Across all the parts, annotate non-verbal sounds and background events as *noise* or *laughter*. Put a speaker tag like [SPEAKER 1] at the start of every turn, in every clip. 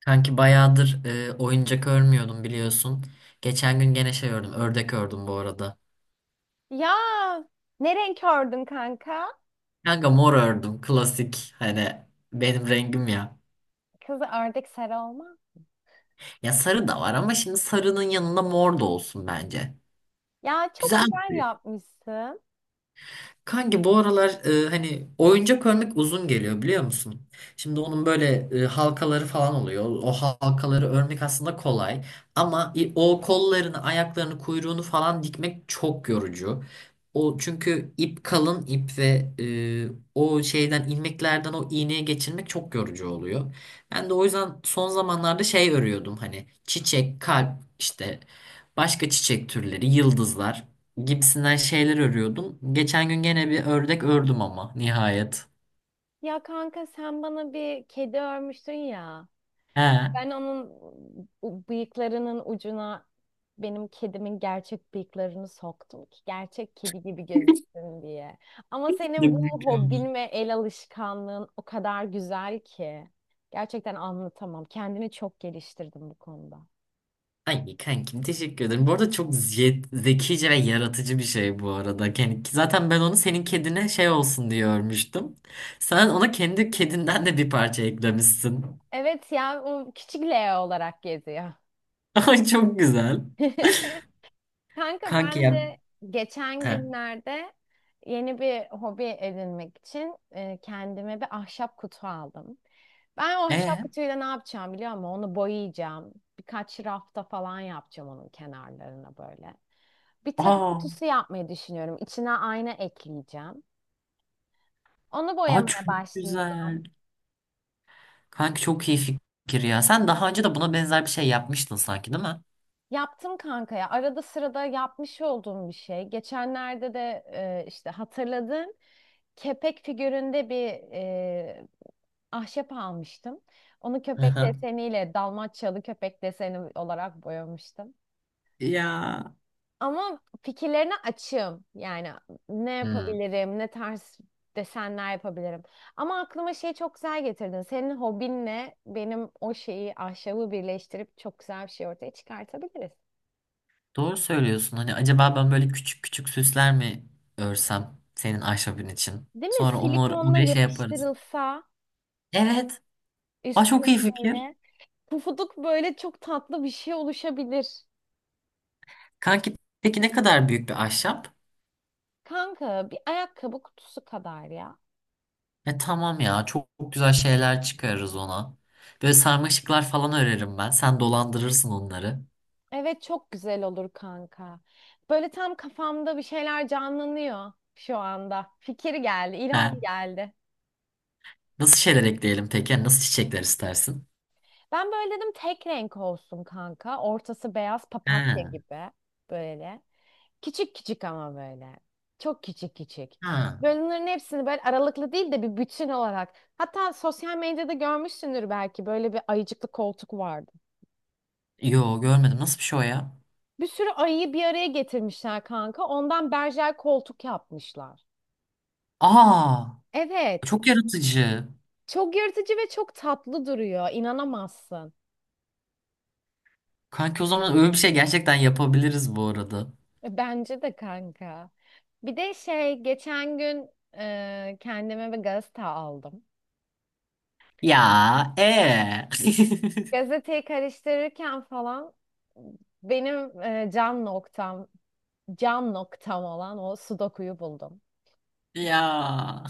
[SPEAKER 1] Kanki bayağıdır oyuncak örmüyordum biliyorsun. Geçen gün gene şey ördüm. Ördek ördüm bu arada.
[SPEAKER 2] Ya ne renk ördün kanka?
[SPEAKER 1] Kanka mor ördüm. Klasik. Hani benim rengim ya.
[SPEAKER 2] Kızı ördek sarı olma.
[SPEAKER 1] Ya sarı da var ama şimdi sarının yanında mor da olsun bence.
[SPEAKER 2] Ya çok
[SPEAKER 1] Güzel.
[SPEAKER 2] güzel yapmışsın.
[SPEAKER 1] Kanki bu aralar hani oyuncak örmek uzun geliyor biliyor musun? Şimdi onun böyle halkaları falan oluyor. O halkaları örmek aslında kolay ama o kollarını, ayaklarını, kuyruğunu falan dikmek çok yorucu. O çünkü ip kalın ip ve o şeyden ilmeklerden o iğneye geçirmek çok yorucu oluyor. Ben de o yüzden son zamanlarda şey örüyordum hani çiçek, kalp işte başka çiçek türleri, yıldızlar gibisinden şeyler örüyordum. Geçen gün gene bir ördek ördüm ama nihayet.
[SPEAKER 2] Ya kanka sen bana bir kedi örmüştün ya.
[SPEAKER 1] He.
[SPEAKER 2] Ben onun bıyıklarının ucuna benim kedimin gerçek bıyıklarını soktum ki gerçek kedi gibi gözüksün diye. Ama
[SPEAKER 1] Ne
[SPEAKER 2] senin bu
[SPEAKER 1] mükemmel.
[SPEAKER 2] hobin ve el alışkanlığın o kadar güzel ki. Gerçekten anlatamam. Kendini çok geliştirdim bu konuda.
[SPEAKER 1] Ay kankim teşekkür ederim. Bu arada çok zekice ve yaratıcı bir şey bu arada. Yani zaten ben onu senin kedine şey olsun diye örmüştüm. Sen ona kendi kedinden de bir parça eklemişsin.
[SPEAKER 2] Evet ya o küçük Leo olarak geziyor.
[SPEAKER 1] *laughs* Ay çok güzel.
[SPEAKER 2] *laughs* Kanka
[SPEAKER 1] Kanki
[SPEAKER 2] ben
[SPEAKER 1] ya.
[SPEAKER 2] de geçen
[SPEAKER 1] He.
[SPEAKER 2] günlerde yeni bir hobi edinmek için kendime bir ahşap kutu aldım. Ben o ahşap
[SPEAKER 1] E?
[SPEAKER 2] kutuyla ne yapacağım biliyor musun? Onu boyayacağım. Birkaç rafta falan yapacağım onun kenarlarına böyle. Bir takı
[SPEAKER 1] Aa,
[SPEAKER 2] kutusu yapmayı düşünüyorum. İçine ayna ekleyeceğim. Onu
[SPEAKER 1] aa
[SPEAKER 2] boyamaya
[SPEAKER 1] çok
[SPEAKER 2] başlayacağım.
[SPEAKER 1] güzel. Kanki çok iyi fikir ya. Sen daha önce de buna benzer bir şey yapmıştın sanki değil mi?
[SPEAKER 2] Yaptım kanka ya. Arada sırada yapmış olduğum bir şey. Geçenlerde de işte hatırladım. Kepek figüründe bir e, ahşap almıştım. Onu köpek
[SPEAKER 1] Aha.
[SPEAKER 2] deseniyle Dalmaçyalı köpek deseni olarak boyamıştım.
[SPEAKER 1] Ya.
[SPEAKER 2] Ama fikirlerine açığım. Yani ne
[SPEAKER 1] Hmm.
[SPEAKER 2] yapabilirim, ne tarz desenler yapabilirim. Ama aklıma şey çok güzel getirdin. Senin hobinle benim o şeyi, ahşabı birleştirip çok güzel bir şey ortaya çıkartabiliriz.
[SPEAKER 1] Doğru söylüyorsun. Hani acaba ben böyle küçük küçük süsler mi örsem ahşabın için?
[SPEAKER 2] Değil mi?
[SPEAKER 1] Sonra onu
[SPEAKER 2] Silikonla
[SPEAKER 1] oraya şey yaparız.
[SPEAKER 2] yapıştırılsa
[SPEAKER 1] Evet. Aa,
[SPEAKER 2] üstüne
[SPEAKER 1] çok iyi fikir.
[SPEAKER 2] böyle pufuduk böyle çok tatlı bir şey oluşabilir.
[SPEAKER 1] Kanki peki ne kadar büyük bir ahşap?
[SPEAKER 2] Kanka bir ayakkabı kutusu kadar ya.
[SPEAKER 1] E tamam ya çok, çok güzel şeyler çıkarırız ona. Böyle sarmaşıklar falan örerim ben. Sen dolandırırsın onları.
[SPEAKER 2] Evet çok güzel olur kanka. Böyle tam kafamda bir şeyler canlanıyor şu anda. Fikir geldi,
[SPEAKER 1] He.
[SPEAKER 2] ilham geldi.
[SPEAKER 1] Nasıl şeyler ekleyelim peki? Yani nasıl çiçekler istersin?
[SPEAKER 2] Ben böyle dedim tek renk olsun kanka. Ortası beyaz
[SPEAKER 1] He.
[SPEAKER 2] papatya gibi böyle. Küçük küçük ama böyle. Çok küçük küçük.
[SPEAKER 1] Ha.
[SPEAKER 2] Böyle bunların hepsini böyle aralıklı değil de bir bütün olarak. Hatta sosyal medyada görmüşsündür belki böyle bir ayıcıklı koltuk vardı.
[SPEAKER 1] Yo görmedim. Nasıl bir şey o ya?
[SPEAKER 2] Bir sürü ayıyı bir araya getirmişler kanka. Ondan berjer koltuk yapmışlar.
[SPEAKER 1] Aa
[SPEAKER 2] Evet.
[SPEAKER 1] çok yaratıcı.
[SPEAKER 2] Çok yırtıcı ve çok tatlı duruyor. İnanamazsın.
[SPEAKER 1] Kanki o zaman öyle bir şey gerçekten yapabiliriz bu arada.
[SPEAKER 2] Bence de kanka. Bir de şey geçen gün kendime bir gazete aldım.
[SPEAKER 1] Ya
[SPEAKER 2] Gazeteyi karıştırırken falan benim can noktam, can noktam olan o sudokuyu buldum.
[SPEAKER 1] *laughs* ya.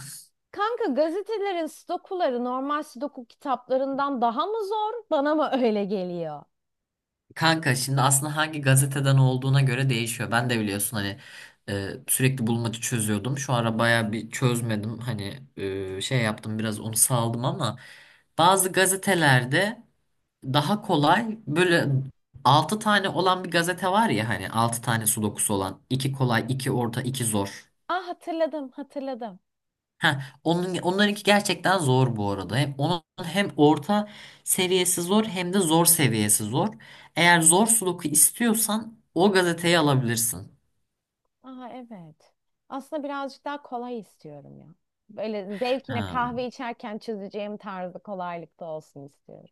[SPEAKER 2] Kanka gazetelerin sudokuları normal sudoku kitaplarından daha mı zor? Bana mı öyle geliyor?
[SPEAKER 1] Kanka şimdi aslında hangi gazeteden olduğuna göre değişiyor. Ben de biliyorsun hani sürekli bulmaca çözüyordum. Şu ara baya bir çözmedim. Hani şey yaptım biraz onu saldım ama bazı gazetelerde daha kolay böyle 6 tane olan bir gazete var ya hani 6 tane sudokusu olan 2 kolay 2 orta 2 zor.
[SPEAKER 2] Ah hatırladım, hatırladım.
[SPEAKER 1] Ha, onlarınki gerçekten zor bu arada. Hem onun hem orta seviyesi zor hem de zor seviyesi zor. Eğer zor sudoku istiyorsan o gazeteyi alabilirsin.
[SPEAKER 2] Aha evet. Aslında birazcık daha kolay istiyorum ya. Böyle zevkine
[SPEAKER 1] Ha,
[SPEAKER 2] kahve içerken çözeceğim tarzı kolaylıkta olsun istiyorum.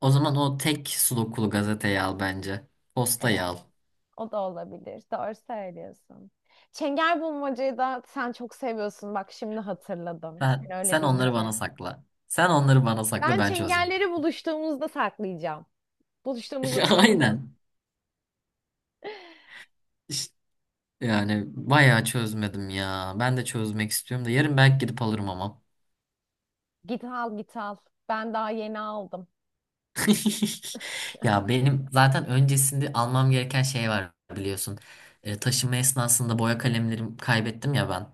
[SPEAKER 1] o zaman o tek sudokulu gazeteyi al bence. Postayı
[SPEAKER 2] Evet.
[SPEAKER 1] al.
[SPEAKER 2] O da olabilir. Doğru söylüyorsun. Çengelbulmacayı da sen çok seviyorsun. Bak şimdi hatırladım. Sen
[SPEAKER 1] Sen,
[SPEAKER 2] öyle
[SPEAKER 1] sen onları bana
[SPEAKER 2] deyince.
[SPEAKER 1] sakla. Sen onları bana sakla
[SPEAKER 2] Ben
[SPEAKER 1] ben çözeceğim.
[SPEAKER 2] çengelleri buluştuğumuzda saklayacağım. Buluştuğumuzda
[SPEAKER 1] *laughs*
[SPEAKER 2] saklayacağız.
[SPEAKER 1] Aynen. İşte yani bayağı çözmedim ya. Ben de çözmek istiyorum da yarın belki gidip alırım ama.
[SPEAKER 2] Git al git al. Ben daha yeni aldım.
[SPEAKER 1] *laughs* Ya benim zaten öncesinde almam gereken şey var biliyorsun. Taşıma esnasında boya kalemlerimi kaybettim ya ben.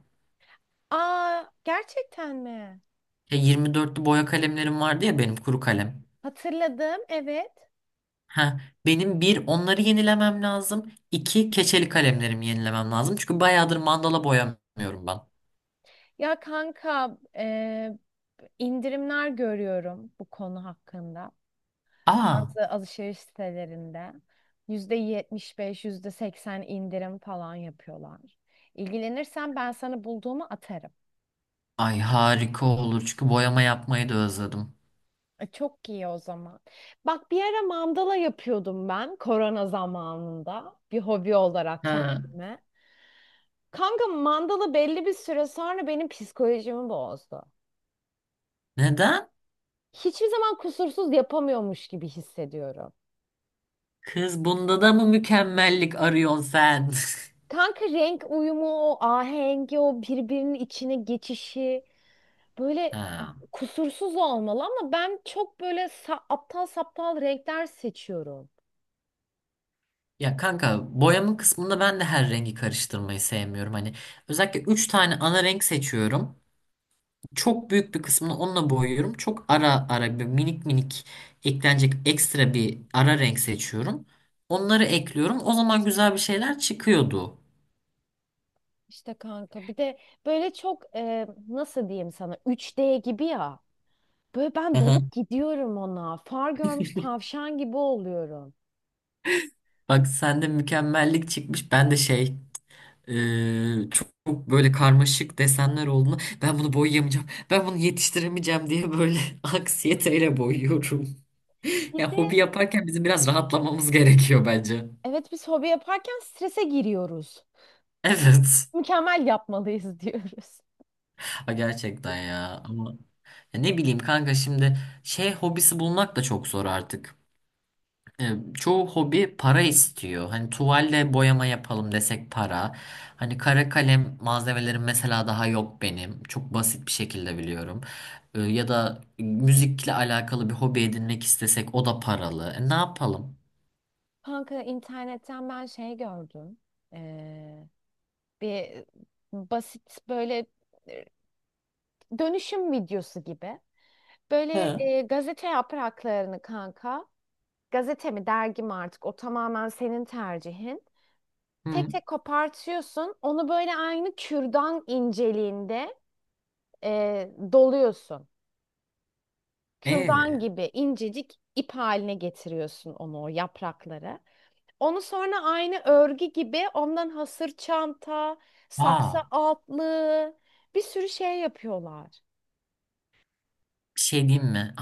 [SPEAKER 2] Aa gerçekten mi?
[SPEAKER 1] 24'lü boya kalemlerim vardı ya benim kuru kalem.
[SPEAKER 2] Hatırladım evet.
[SPEAKER 1] Ha, benim bir onları yenilemem lazım. İki keçeli kalemlerimi yenilemem lazım. Çünkü bayağıdır mandala boyamıyorum ben.
[SPEAKER 2] Ya kanka indirimler görüyorum bu konu hakkında.
[SPEAKER 1] Aa,
[SPEAKER 2] Bazı alışveriş sitelerinde %75 %80 indirim falan yapıyorlar. İlgilenirsen ben sana bulduğumu atarım.
[SPEAKER 1] ay harika olur çünkü boyama yapmayı da özledim.
[SPEAKER 2] E, çok iyi o zaman. Bak bir ara mandala yapıyordum ben korona zamanında bir hobi olarak
[SPEAKER 1] Ha,
[SPEAKER 2] kendime. Kanka mandala belli bir süre sonra benim psikolojimi bozdu.
[SPEAKER 1] neden?
[SPEAKER 2] Hiçbir zaman kusursuz yapamıyormuş gibi hissediyorum.
[SPEAKER 1] Kız bunda da mı mükemmellik arıyorsun sen?
[SPEAKER 2] Kanka renk uyumu, o ahengi, o birbirinin içine geçişi
[SPEAKER 1] *laughs*
[SPEAKER 2] böyle
[SPEAKER 1] Ha.
[SPEAKER 2] kusursuz olmalı ama ben çok böyle aptal saptal renkler seçiyorum.
[SPEAKER 1] Ya kanka boyama kısmında ben de her rengi karıştırmayı sevmiyorum. Hani özellikle 3 tane ana renk seçiyorum. Çok büyük bir kısmını onunla boyuyorum. Çok ara ara bir minik minik eklenecek ekstra bir ara renk seçiyorum. Onları ekliyorum. O zaman güzel bir şeyler çıkıyordu.
[SPEAKER 2] İşte kanka bir de böyle çok nasıl diyeyim sana 3D gibi ya. Böyle ben
[SPEAKER 1] Hı
[SPEAKER 2] dalıp
[SPEAKER 1] hı.
[SPEAKER 2] gidiyorum ona. Far görmüş tavşan gibi oluyorum.
[SPEAKER 1] Bak sende mükemmellik çıkmış. Ben de şey çok, çok böyle karmaşık desenler olduğunu ben bunu boyayamayacağım. Ben bunu yetiştiremeyeceğim diye böyle *laughs* aksiyeteyle boyuyorum.
[SPEAKER 2] Bir
[SPEAKER 1] Ya
[SPEAKER 2] de
[SPEAKER 1] hobi yaparken bizim biraz rahatlamamız gerekiyor bence.
[SPEAKER 2] evet biz hobi yaparken strese giriyoruz.
[SPEAKER 1] Evet.
[SPEAKER 2] Mükemmel yapmalıyız *laughs* diyoruz.
[SPEAKER 1] Ha, gerçekten ya. Ama ya ne bileyim kanka şimdi şey hobisi bulmak da çok zor artık. E, Çoğu hobi para istiyor. Hani tuvalle boyama yapalım desek para. Hani kara kalem malzemelerim mesela daha yok benim. Çok basit bir şekilde biliyorum. Ya da müzikle alakalı bir hobi edinmek istesek o da paralı. Ne yapalım?
[SPEAKER 2] Kanka internetten ben şey gördüm. Ee, Bir basit böyle e, dönüşüm videosu gibi. Böyle
[SPEAKER 1] He.
[SPEAKER 2] gazete yapraklarını kanka, gazete mi dergi mi artık o tamamen senin tercihin. Tek
[SPEAKER 1] Hı.
[SPEAKER 2] tek kopartıyorsun. Onu böyle aynı kürdan inceliğinde doluyorsun.
[SPEAKER 1] E.
[SPEAKER 2] Kürdan gibi incecik ip haline getiriyorsun onu o yaprakları. Onu sonra aynı örgü gibi ondan hasır çanta, saksı
[SPEAKER 1] Aa.
[SPEAKER 2] altlığı bir sürü şey yapıyorlar.
[SPEAKER 1] Bir şey diyeyim mi?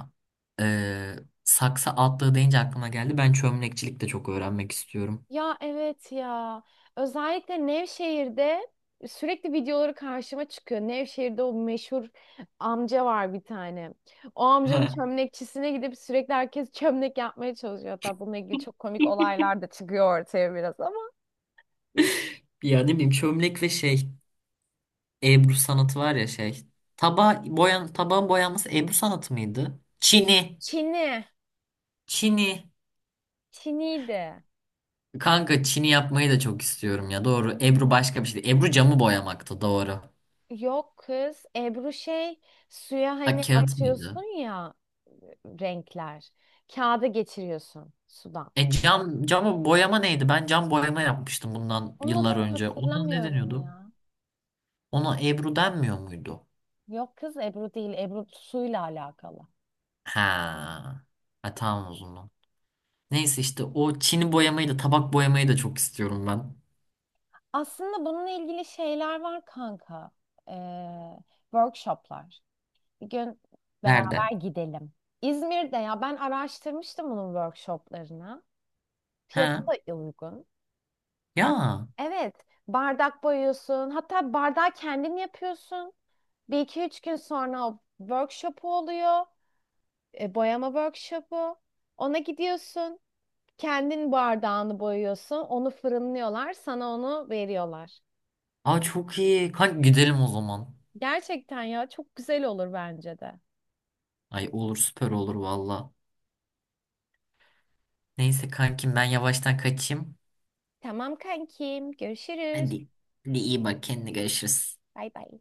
[SPEAKER 1] Ee, Saksı atlığı deyince aklıma geldi. Ben çömlekçilik de çok öğrenmek istiyorum.
[SPEAKER 2] Ya evet ya. Özellikle Nevşehir'de sürekli videoları karşıma çıkıyor. Nevşehir'de o meşhur amca var bir tane. O amcanın
[SPEAKER 1] Ha.
[SPEAKER 2] çömlekçisine gidip sürekli herkes çömlek yapmaya çalışıyor. Hatta bununla ilgili çok komik olaylar da çıkıyor ortaya biraz ama.
[SPEAKER 1] *laughs* Ya ne bileyim çömlek ve şey Ebru sanatı var ya şey. Tabağın boyanması Ebru sanatı mıydı? Çini.
[SPEAKER 2] Çini.
[SPEAKER 1] Çini.
[SPEAKER 2] Çiniydi.
[SPEAKER 1] Kanka çini yapmayı da çok istiyorum ya. Doğru. Ebru başka bir şeydi. Ebru camı boyamaktı. Doğru.
[SPEAKER 2] Yok kız. Ebru şey suya
[SPEAKER 1] Ha
[SPEAKER 2] hani
[SPEAKER 1] kağıt mıydı?
[SPEAKER 2] atıyorsun ya renkler. Kağıda geçiriyorsun sudan.
[SPEAKER 1] Camı boyama neydi? Ben cam boyama yapmıştım bundan
[SPEAKER 2] Onun
[SPEAKER 1] yıllar
[SPEAKER 2] adını
[SPEAKER 1] önce. Ona ne
[SPEAKER 2] hatırlamıyorum
[SPEAKER 1] deniyordu?
[SPEAKER 2] ya.
[SPEAKER 1] Ona Ebru denmiyor muydu?
[SPEAKER 2] Yok kız Ebru değil. Ebru suyla alakalı.
[SPEAKER 1] Ha. Ha tamam o zaman. Neyse işte o Çin'i boyamayı da tabak boyamayı da çok istiyorum ben.
[SPEAKER 2] Aslında bununla ilgili şeyler var kanka. Ee, workshoplar. Bir gün beraber
[SPEAKER 1] Nerede?
[SPEAKER 2] gidelim. İzmir'de ya ben araştırmıştım bunun workshoplarını. Fiyatı
[SPEAKER 1] Ha.
[SPEAKER 2] da uygun. Ee,
[SPEAKER 1] Ya.
[SPEAKER 2] evet bardak boyuyorsun. Hatta bardağı kendin yapıyorsun. Bir iki üç gün sonra o workshop'u oluyor. Boyama workshop'u. Ona gidiyorsun. Kendin bardağını boyuyorsun, onu fırınlıyorlar, sana onu veriyorlar.
[SPEAKER 1] Aa çok iyi. Kanka gidelim o zaman.
[SPEAKER 2] Gerçekten ya çok güzel olur bence de.
[SPEAKER 1] Ay olur süper olur valla. Neyse kankim ben yavaştan kaçayım.
[SPEAKER 2] Tamam kankim, görüşürüz.
[SPEAKER 1] Hadi. Hadi iyi bak kendine görüşürüz.
[SPEAKER 2] Bay bay.